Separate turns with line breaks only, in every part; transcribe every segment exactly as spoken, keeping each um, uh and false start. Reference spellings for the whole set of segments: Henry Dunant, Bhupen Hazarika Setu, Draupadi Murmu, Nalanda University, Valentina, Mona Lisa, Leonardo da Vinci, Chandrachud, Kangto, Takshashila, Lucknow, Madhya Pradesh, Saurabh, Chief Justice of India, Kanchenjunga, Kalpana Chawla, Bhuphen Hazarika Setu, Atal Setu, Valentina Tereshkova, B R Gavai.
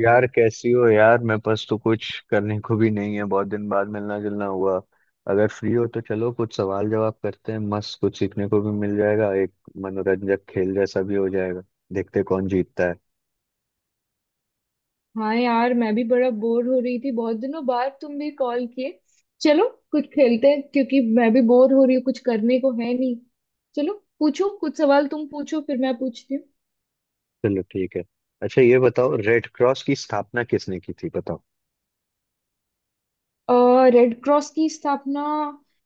यार, कैसी हो यार? मेरे पास तो कुछ करने को भी नहीं है, बहुत दिन बाद मिलना जुलना हुआ। अगर फ्री हो तो चलो कुछ सवाल जवाब करते हैं, मस्त कुछ सीखने को भी मिल जाएगा। एक मनोरंजक खेल जैसा भी हो जाएगा। देखते हैं कौन जीतता है।
हाँ यार, मैं भी बड़ा बोर हो रही थी। बहुत दिनों बाद तुम भी कॉल किए। चलो कुछ खेलते हैं, क्योंकि मैं भी बोर हो रही हूँ, कुछ करने को है नहीं। चलो, पूछो कुछ सवाल। तुम पूछो फिर मैं पूछती
चलो ठीक है। अच्छा ये बताओ, रेड क्रॉस की स्थापना किसने की थी, बताओ।
हूँ। रेड क्रॉस की स्थापना।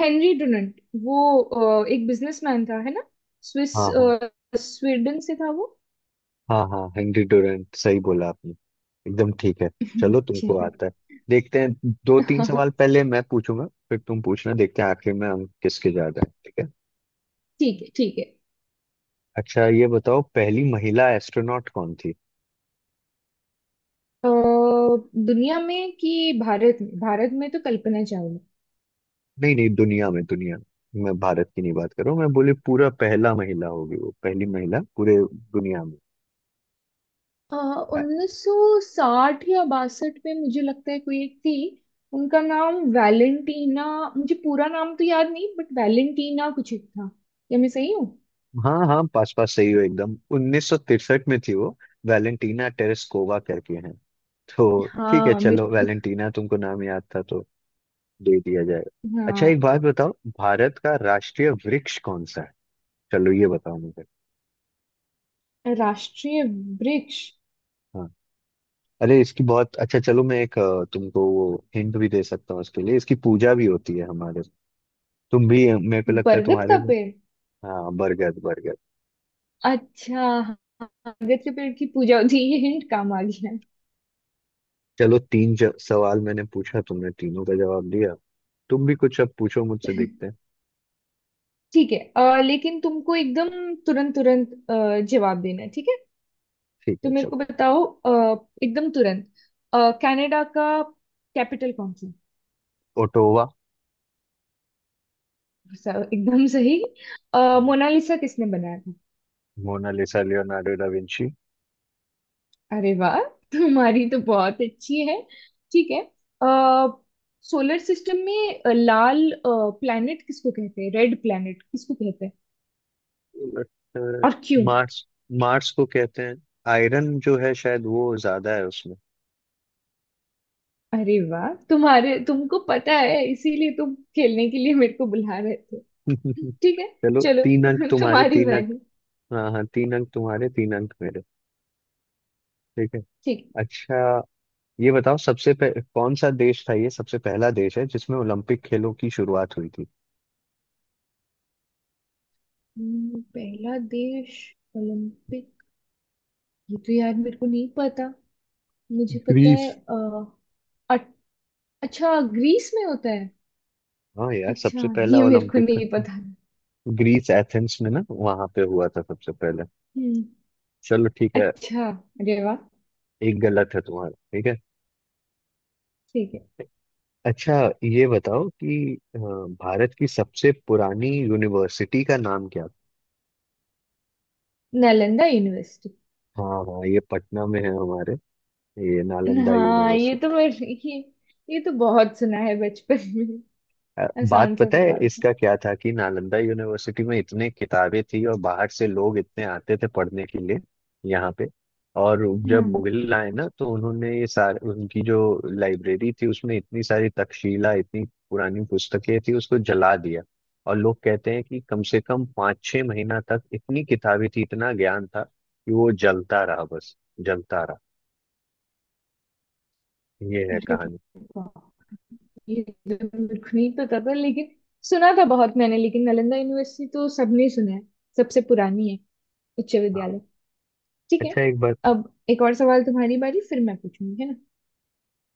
Henry Dunant. वो अ, एक बिजनेसमैन था, है ना। स्विस।
हाँ, हाँ,
अ, स्वीडन से था वो।
हाँ, हाँ, हेनरी डोरेंट, सही बोला आपने। एकदम ठीक है। चलो
अच्छा
तुमको
है।
आता है। देखते हैं, दो तीन सवाल पहले मैं पूछूंगा फिर तुम पूछना, देखते हैं आखिर में हम किसके ज्यादा है। ठीक है।
ठीक है, ठीक है।
अच्छा ये बताओ, पहली महिला एस्ट्रोनॉट कौन थी?
अ, दुनिया में कि भारत में? भारत में तो कल्पना चावला।
नहीं नहीं, दुनिया में, दुनिया में, मैं भारत की नहीं बात कर रहा हूँ। मैं बोले पूरा पहला महिला होगी वो, पहली महिला पूरे दुनिया में। अ-
उन्नीस सौ साठ या बासठ में, मुझे लगता है, कोई एक थी। उनका नाम वैलेंटीना। मुझे पूरा नाम तो याद नहीं, बट वैलेंटीना कुछ एक था। क्या मैं सही हूँ?
हाँ हाँ, पास पास सही हो, एकदम उन्नीस सौ तिरसठ में थी वो। वैलेंटीना टेरेस्कोवा करके हैं। तो ठीक है
हाँ
चलो,
मेरे।
वैलेंटीना तुमको नाम याद था तो दे दिया जाएगा। अच्छा
हाँ।
एक बात बताओ, भारत का राष्ट्रीय वृक्ष कौन सा है? चलो ये बताओ मुझे।
राष्ट्रीय। वृक्ष।
हाँ। अरे इसकी बहुत अच्छा, चलो मैं एक अ, तुमको वो हिंट भी दे सकता हूँ इसके लिए। इसकी पूजा भी होती है हमारे। तुम भी, मेरे को लगता है
बरगद
तुम्हारे।
का पेड़।
हाँ, बरगद, बरगद।
अच्छा। हाँ, बरगद के पेड़ की पूजा होती है। ये हिंट काम आ गया।
चलो तीन ज, सवाल मैंने पूछा, तुमने तीनों का जवाब दिया। तुम भी कुछ अब पूछो मुझसे, देखते हैं।
ठीक है। अ, लेकिन तुमको एकदम तुरंत तुरंत अ, जवाब देना है, ठीक है।
ठीक
तो
है
मेरे
चलो।
को बताओ, अ, एकदम तुरंत। अ, कनाडा का कैपिटल कौन सा है?
ओटोवा।
स- एकदम सही। अ, मोनालिसा किसने बनाया था?
Mona Lisa Leonardo da Vinci.
अरे वाह! तुम्हारी तो बहुत अच्छी है। ठीक है। सोलर सिस्टम में अ, लाल प्लैनेट किसको कहते हैं? रेड प्लैनेट किसको कहते हैं?
लगता है
और क्यों?
मार्स, मार्स को कहते हैं। आयरन जो है शायद वो ज्यादा है उसमें।
अरे वाह, तुम्हारे तुमको पता है, इसीलिए तुम खेलने के लिए मेरे को बुला रहे थे। ठीक है।
चलो
चलो,
तीन अंक तुम्हारे,
तुम्हारी
तीन अंक।
बारी,
हाँ हाँ, तीन अंक तुम्हारे, तीन अंक मेरे। ठीक है।
ठीक है।
अच्छा ये बताओ, सबसे पह, कौन सा देश था, ये सबसे पहला देश है जिसमें ओलंपिक खेलों की शुरुआत हुई थी?
हम्म, पहला देश। ओलंपिक। ये तो यार मेरे को नहीं पता। मुझे पता है।
ग्रीस।
अ, अट- अच्छा, ग्रीस में होता है।
हाँ यार,
अच्छा,
सबसे पहला
ये मेरे को
ओलंपिक
नहीं पता।
ग्रीस, एथेंस में ना, वहां पे हुआ था सबसे पहले।
हम्म।
चलो ठीक है।
अच्छा। अरे वाह!
एक गलत है तुम्हारा, ठीक है।
ठीक है।
अच्छा ये बताओ कि अ, भारत की सबसे पुरानी यूनिवर्सिटी का नाम क्या था?
नालंदा यूनिवर्सिटी।
हाँ हाँ, ये पटना में है हमारे, ये नालंदा
हाँ, ये
यूनिवर्सिटी।
तो मेरे ये, ये तो बहुत सुना है बचपन में।
अ, बात
आसान सा
पता है
सवाल था।
इसका क्या था, कि नालंदा यूनिवर्सिटी में इतने किताबें थी और बाहर से लोग इतने आते थे पढ़ने के लिए यहाँ पे। और जब
हाँ।
मुगल आए ना, तो उन्होंने ये सारे, उनकी जो लाइब्रेरी थी उसमें इतनी सारी, तक्षशिला, इतनी पुरानी पुस्तकें थी, उसको जला दिया। और लोग कहते हैं कि कम से कम पाँच छः महीना तक इतनी किताबें थी, इतना ज्ञान था कि वो जलता रहा, बस जलता रहा। ये है
अरे
कहानी।
वाह! ये तो मेरे को नहीं पता था, लेकिन सुना था बहुत मैंने। लेकिन नालंदा यूनिवर्सिटी तो सबने सुना है। सबसे पुरानी है। उच्च
हाँ।
विद्यालय। ठीक है।
अच्छा एक बात।
अब एक और सवाल, तुम्हारी बारी, फिर मैं पूछूंगी, है ना।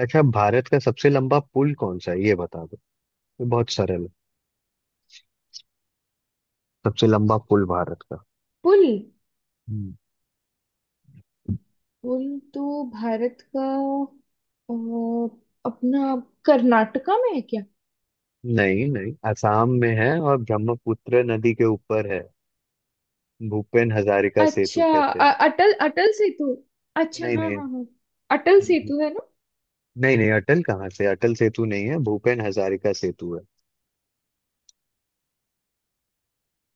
अच्छा, भारत का सबसे लंबा पुल कौन सा है, ये बता। बहुत सरल है, सबसे लंबा पुल भारत का।
पुल।
हम्म,
पुल। तो भारत का अ, अपना कर्नाटका में है क्या?
नहीं नहीं, असम में है और ब्रह्मपुत्र नदी के ऊपर है, भूपेन हजारिका सेतु
अच्छा।
कहते
अ-
हैं।
अटल अटल सेतु। अच्छा,
नहीं
हाँ,
नहीं।
हाँ, हाँ। अटल सेतु है ना?
नहीं नहीं, अटल कहाँ से, अटल सेतु नहीं है, भूपेन हजारिका सेतु है।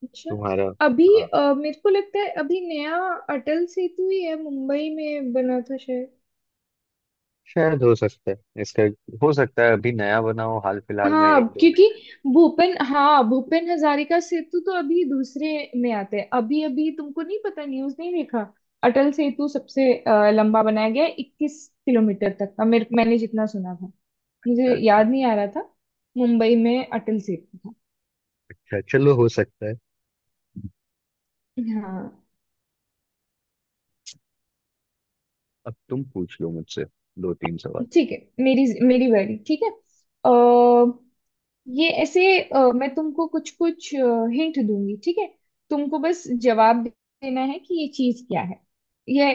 अच्छा।
तुम्हारा।
अभी
हाँ।
अ, मेरे को लगता है, अभी नया अटल सेतु ही है, मुंबई में बना था।
शायद हो सकता है इसका, हो सकता है अभी नया बना हो हाल फिलहाल में,
हाँ,
एक दो
क्योंकि
महीना।
भूपेन हाँ भूपेन हजारिका सेतु तो अभी दूसरे में आते हैं। अभी अभी तुमको नहीं पता, न्यूज़ नहीं देखा? अटल सेतु सबसे अ, लंबा बनाया गया है, इक्कीस किलोमीटर तक का, मेरे मैंने जितना सुना था।
अच्छा
मुझे
अच्छा।
याद नहीं आ रहा था। मुंबई में अटल सेतु था।
अच्छा चलो, हो सकता है।
हाँ।
अब तुम पूछ लो मुझसे, दो तीन सवाल।
ठीक है। मेरी मेरी बारी, ठीक है। अ, ये ऐसे, अ, मैं तुमको कुछ कुछ हिंट दूंगी, ठीक है। तुमको बस जवाब देना है कि ये चीज क्या है। ये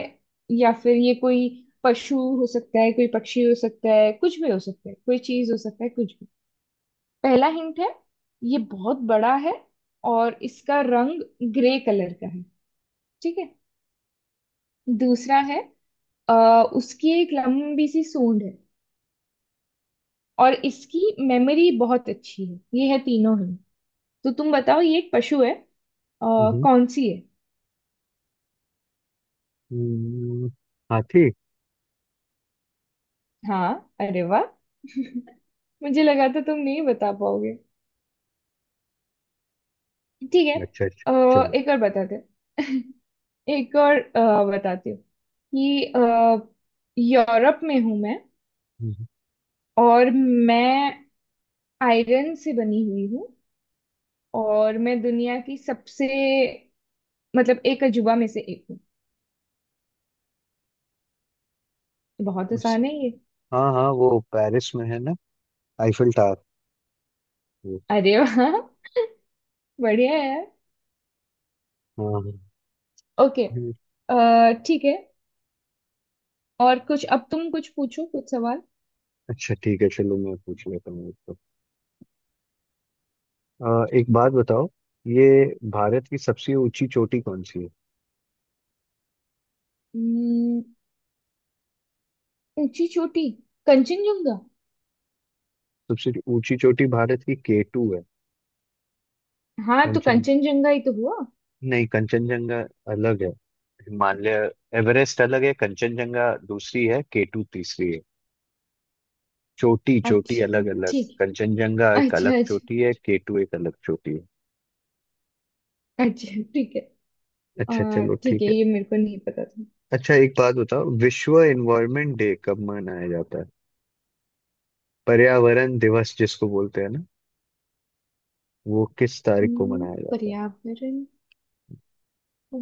या फिर ये कोई पशु हो सकता है, कोई पक्षी हो सकता है, कुछ भी हो सकता है, कोई चीज हो सकता है, कुछ भी। पहला हिंट है, ये बहुत बड़ा है, और इसका रंग ग्रे कलर का है। ठीक है। दूसरा है, आ, उसकी एक लंबी सी सूंड है, और इसकी मेमोरी बहुत अच्छी है। ये है तीनों हिंट। तो तुम बताओ, ये एक पशु है। आ,
हम्म,
कौन सी है?
हम्म, हाथी।
हाँ। अरे वाह! मुझे लगा था तुम नहीं बता पाओगे। ठीक है।
अच्छा अच्छा,
अ,
चलो।
एक और बताते। एक और अ, बताती हूँ कि अ, यूरोप में हूँ मैं,
हम्म।
और मैं आयरन से बनी हुई हूँ, और मैं दुनिया की सबसे, मतलब एक अजूबा में से एक हूँ। बहुत आसान है ये।
हाँ हाँ, वो पेरिस में है ना, आईफिल टावर, वो।
अरे वाह! बढ़िया है यार।
हाँ हाँ।
ओके।
हम्म,
अ, ठीक है। और कुछ, अब तुम कुछ पूछो, कुछ
अच्छा ठीक है चलो, मैं पूछ लेता हूँ आपको। अ, एक बात बताओ, ये भारत की सबसे ऊंची चोटी कौन सी है?
सवाल। ऊंची चोटी। कंचनजंगा।
सबसे ऊंची चोटी भारत की केटू है।
हाँ, तो
कंचन,
कंचनजंगा ही तो हुआ।
नहीं, कंचनजंगा अलग है। हिमालय, एवरेस्ट अलग है, कंचनजंगा दूसरी है, केटू तीसरी है। चोटी चोटी अलग
अच्छा,
अलग।
ठीक
कंचनजंगा
है।
एक
अच्छा,
अलग
अच्छा।
चोटी है, केटू एक अलग चोटी है।
अच्छा, ठीक है।
अच्छा
आ,
चलो
ठीक
ठीक
है,
है।
ये मेरे को नहीं पता था।
अच्छा एक बात बताओ, विश्व एनवायरनमेंट डे कब मनाया जाता है? पर्यावरण दिवस जिसको बोलते हैं ना, वो किस तारीख को
हम्म,
मनाया जाता है?
पर्यावरण। आ,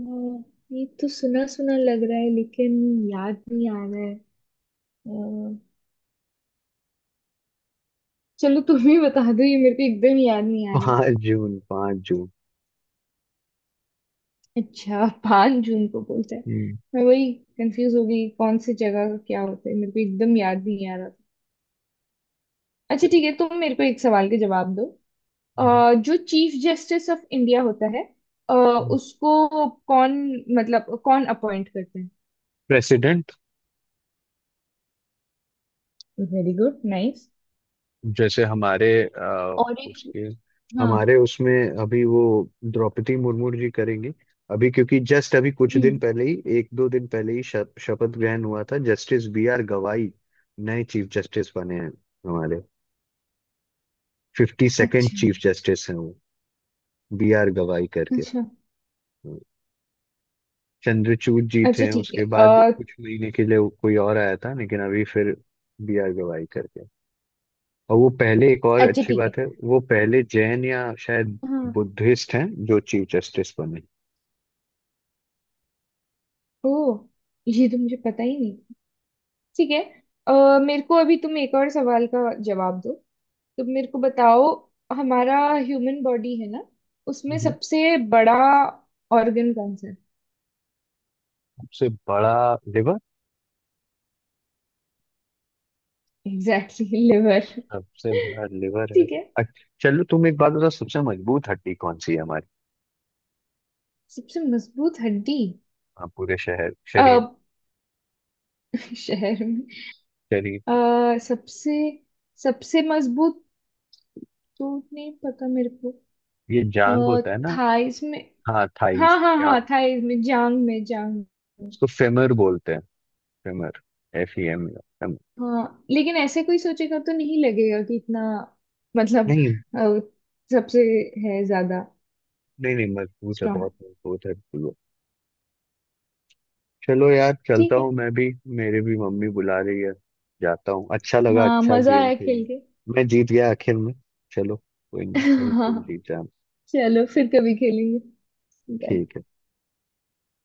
ये तो सुना सुना लग रहा है, लेकिन याद नहीं आ रहा है। आ, चलो तुम ही बता दो, ये मेरे को एकदम याद नहीं आ रहा।
पाँच जून, पाँच जून।
अच्छा, पांच जून को बोलते हैं।
हम्म,
मैं वही कंफ्यूज हो गई, कौन सी जगह का क्या होता है, मेरे को एकदम याद नहीं आ रहा था। अच्छा ठीक है, तुम मेरे को एक सवाल के जवाब दो।
हम्म,
अ, जो चीफ जस्टिस ऑफ इंडिया होता है, अ,
हम्म।
उसको कौन, मतलब कौन अपॉइंट करते हैं?
प्रेसिडेंट।
Very good, nice.
जैसे हमारे अ,
और एक।
उसके,
हाँ।
हमारे उसमें अभी वो द्रौपदी मुर्मू जी करेंगी। अभी क्योंकि जस्ट अभी कुछ दिन
हम्म।
पहले ही, एक दो दिन पहले ही शप- शपथ ग्रहण हुआ था, जस्टिस बी आर गवाई नए चीफ जस्टिस बने हैं हमारे। फिफ्टी सेकेंड
अच्छा,
चीफ जस्टिस हैं वो, बी आर गवाई करके।
अच्छा।
हम्म। चंद्रचूड़ जी
अच्छा,
थे,
ठीक है।
उसके बाद
अ,
कुछ महीने के लिए कोई और आया था, लेकिन अभी फिर बी आर गवाई करके। और वो पहले, एक और
अच्छा,
अच्छी
ठीक है।
बात है, वो पहले जैन या शायद
हाँ।
बुद्धिस्ट हैं जो चीफ जस्टिस बने।
ओ। ये तो मुझे पता ही नहीं था। ठीक है। अ, मेरे को अभी तुम एक और सवाल का जवाब दो। तो मेरे को बताओ, हमारा ह्यूमन बॉडी है ना, उसमें
हम्म।
सबसे बड़ा ऑर्गन कौन सा है?
सबसे बड़ा लिवर।
Exactly, exactly! लिवर।
सबसे बड़ा लिवर है।
ठीक है।
अच्छा चलो, तुम एक बात बताओ, सबसे मजबूत हड्डी कौन सी है हमारी?
सबसे मजबूत हड्डी।
हाँ, पूरे शहर, शरीर।
अब शहर में?
शरीर।
अ, सबसे, सबसे मजबूत तो नहीं पता मेरे को।
ये जांग
अः
होता है ना।
थाइस में।
हाँ,
हाँ,
थाइस,
हाँ, हाँ,
जांग।
थाइस में जांग में, जांग में।
उसको फेमर बोलते हैं। Femur, F E M.
हाँ, लेकिन ऐसे कोई सोचेगा तो नहीं लगेगा कि इतना, मतलब,
नहीं
अ, सबसे है ज्यादा
नहीं, नहीं मजबूत है,
स्ट्रांग।
बहुत मजबूत है, बिल्कुल वो। चलो यार, चलता
ठीक है।
हूँ मैं भी, मेरे भी मम्मी बुला रही है। जाता हूँ, अच्छा लगा,
हाँ,
अच्छा
मजा
गेम
आया
खेल।
खेल के।
मैं जीत गया आखिर में। चलो, कोई नहीं, अभी
हाँ।
तुम जीत जाना।
चलो, फिर कभी खेलेंगे। बाय।
ठीक है।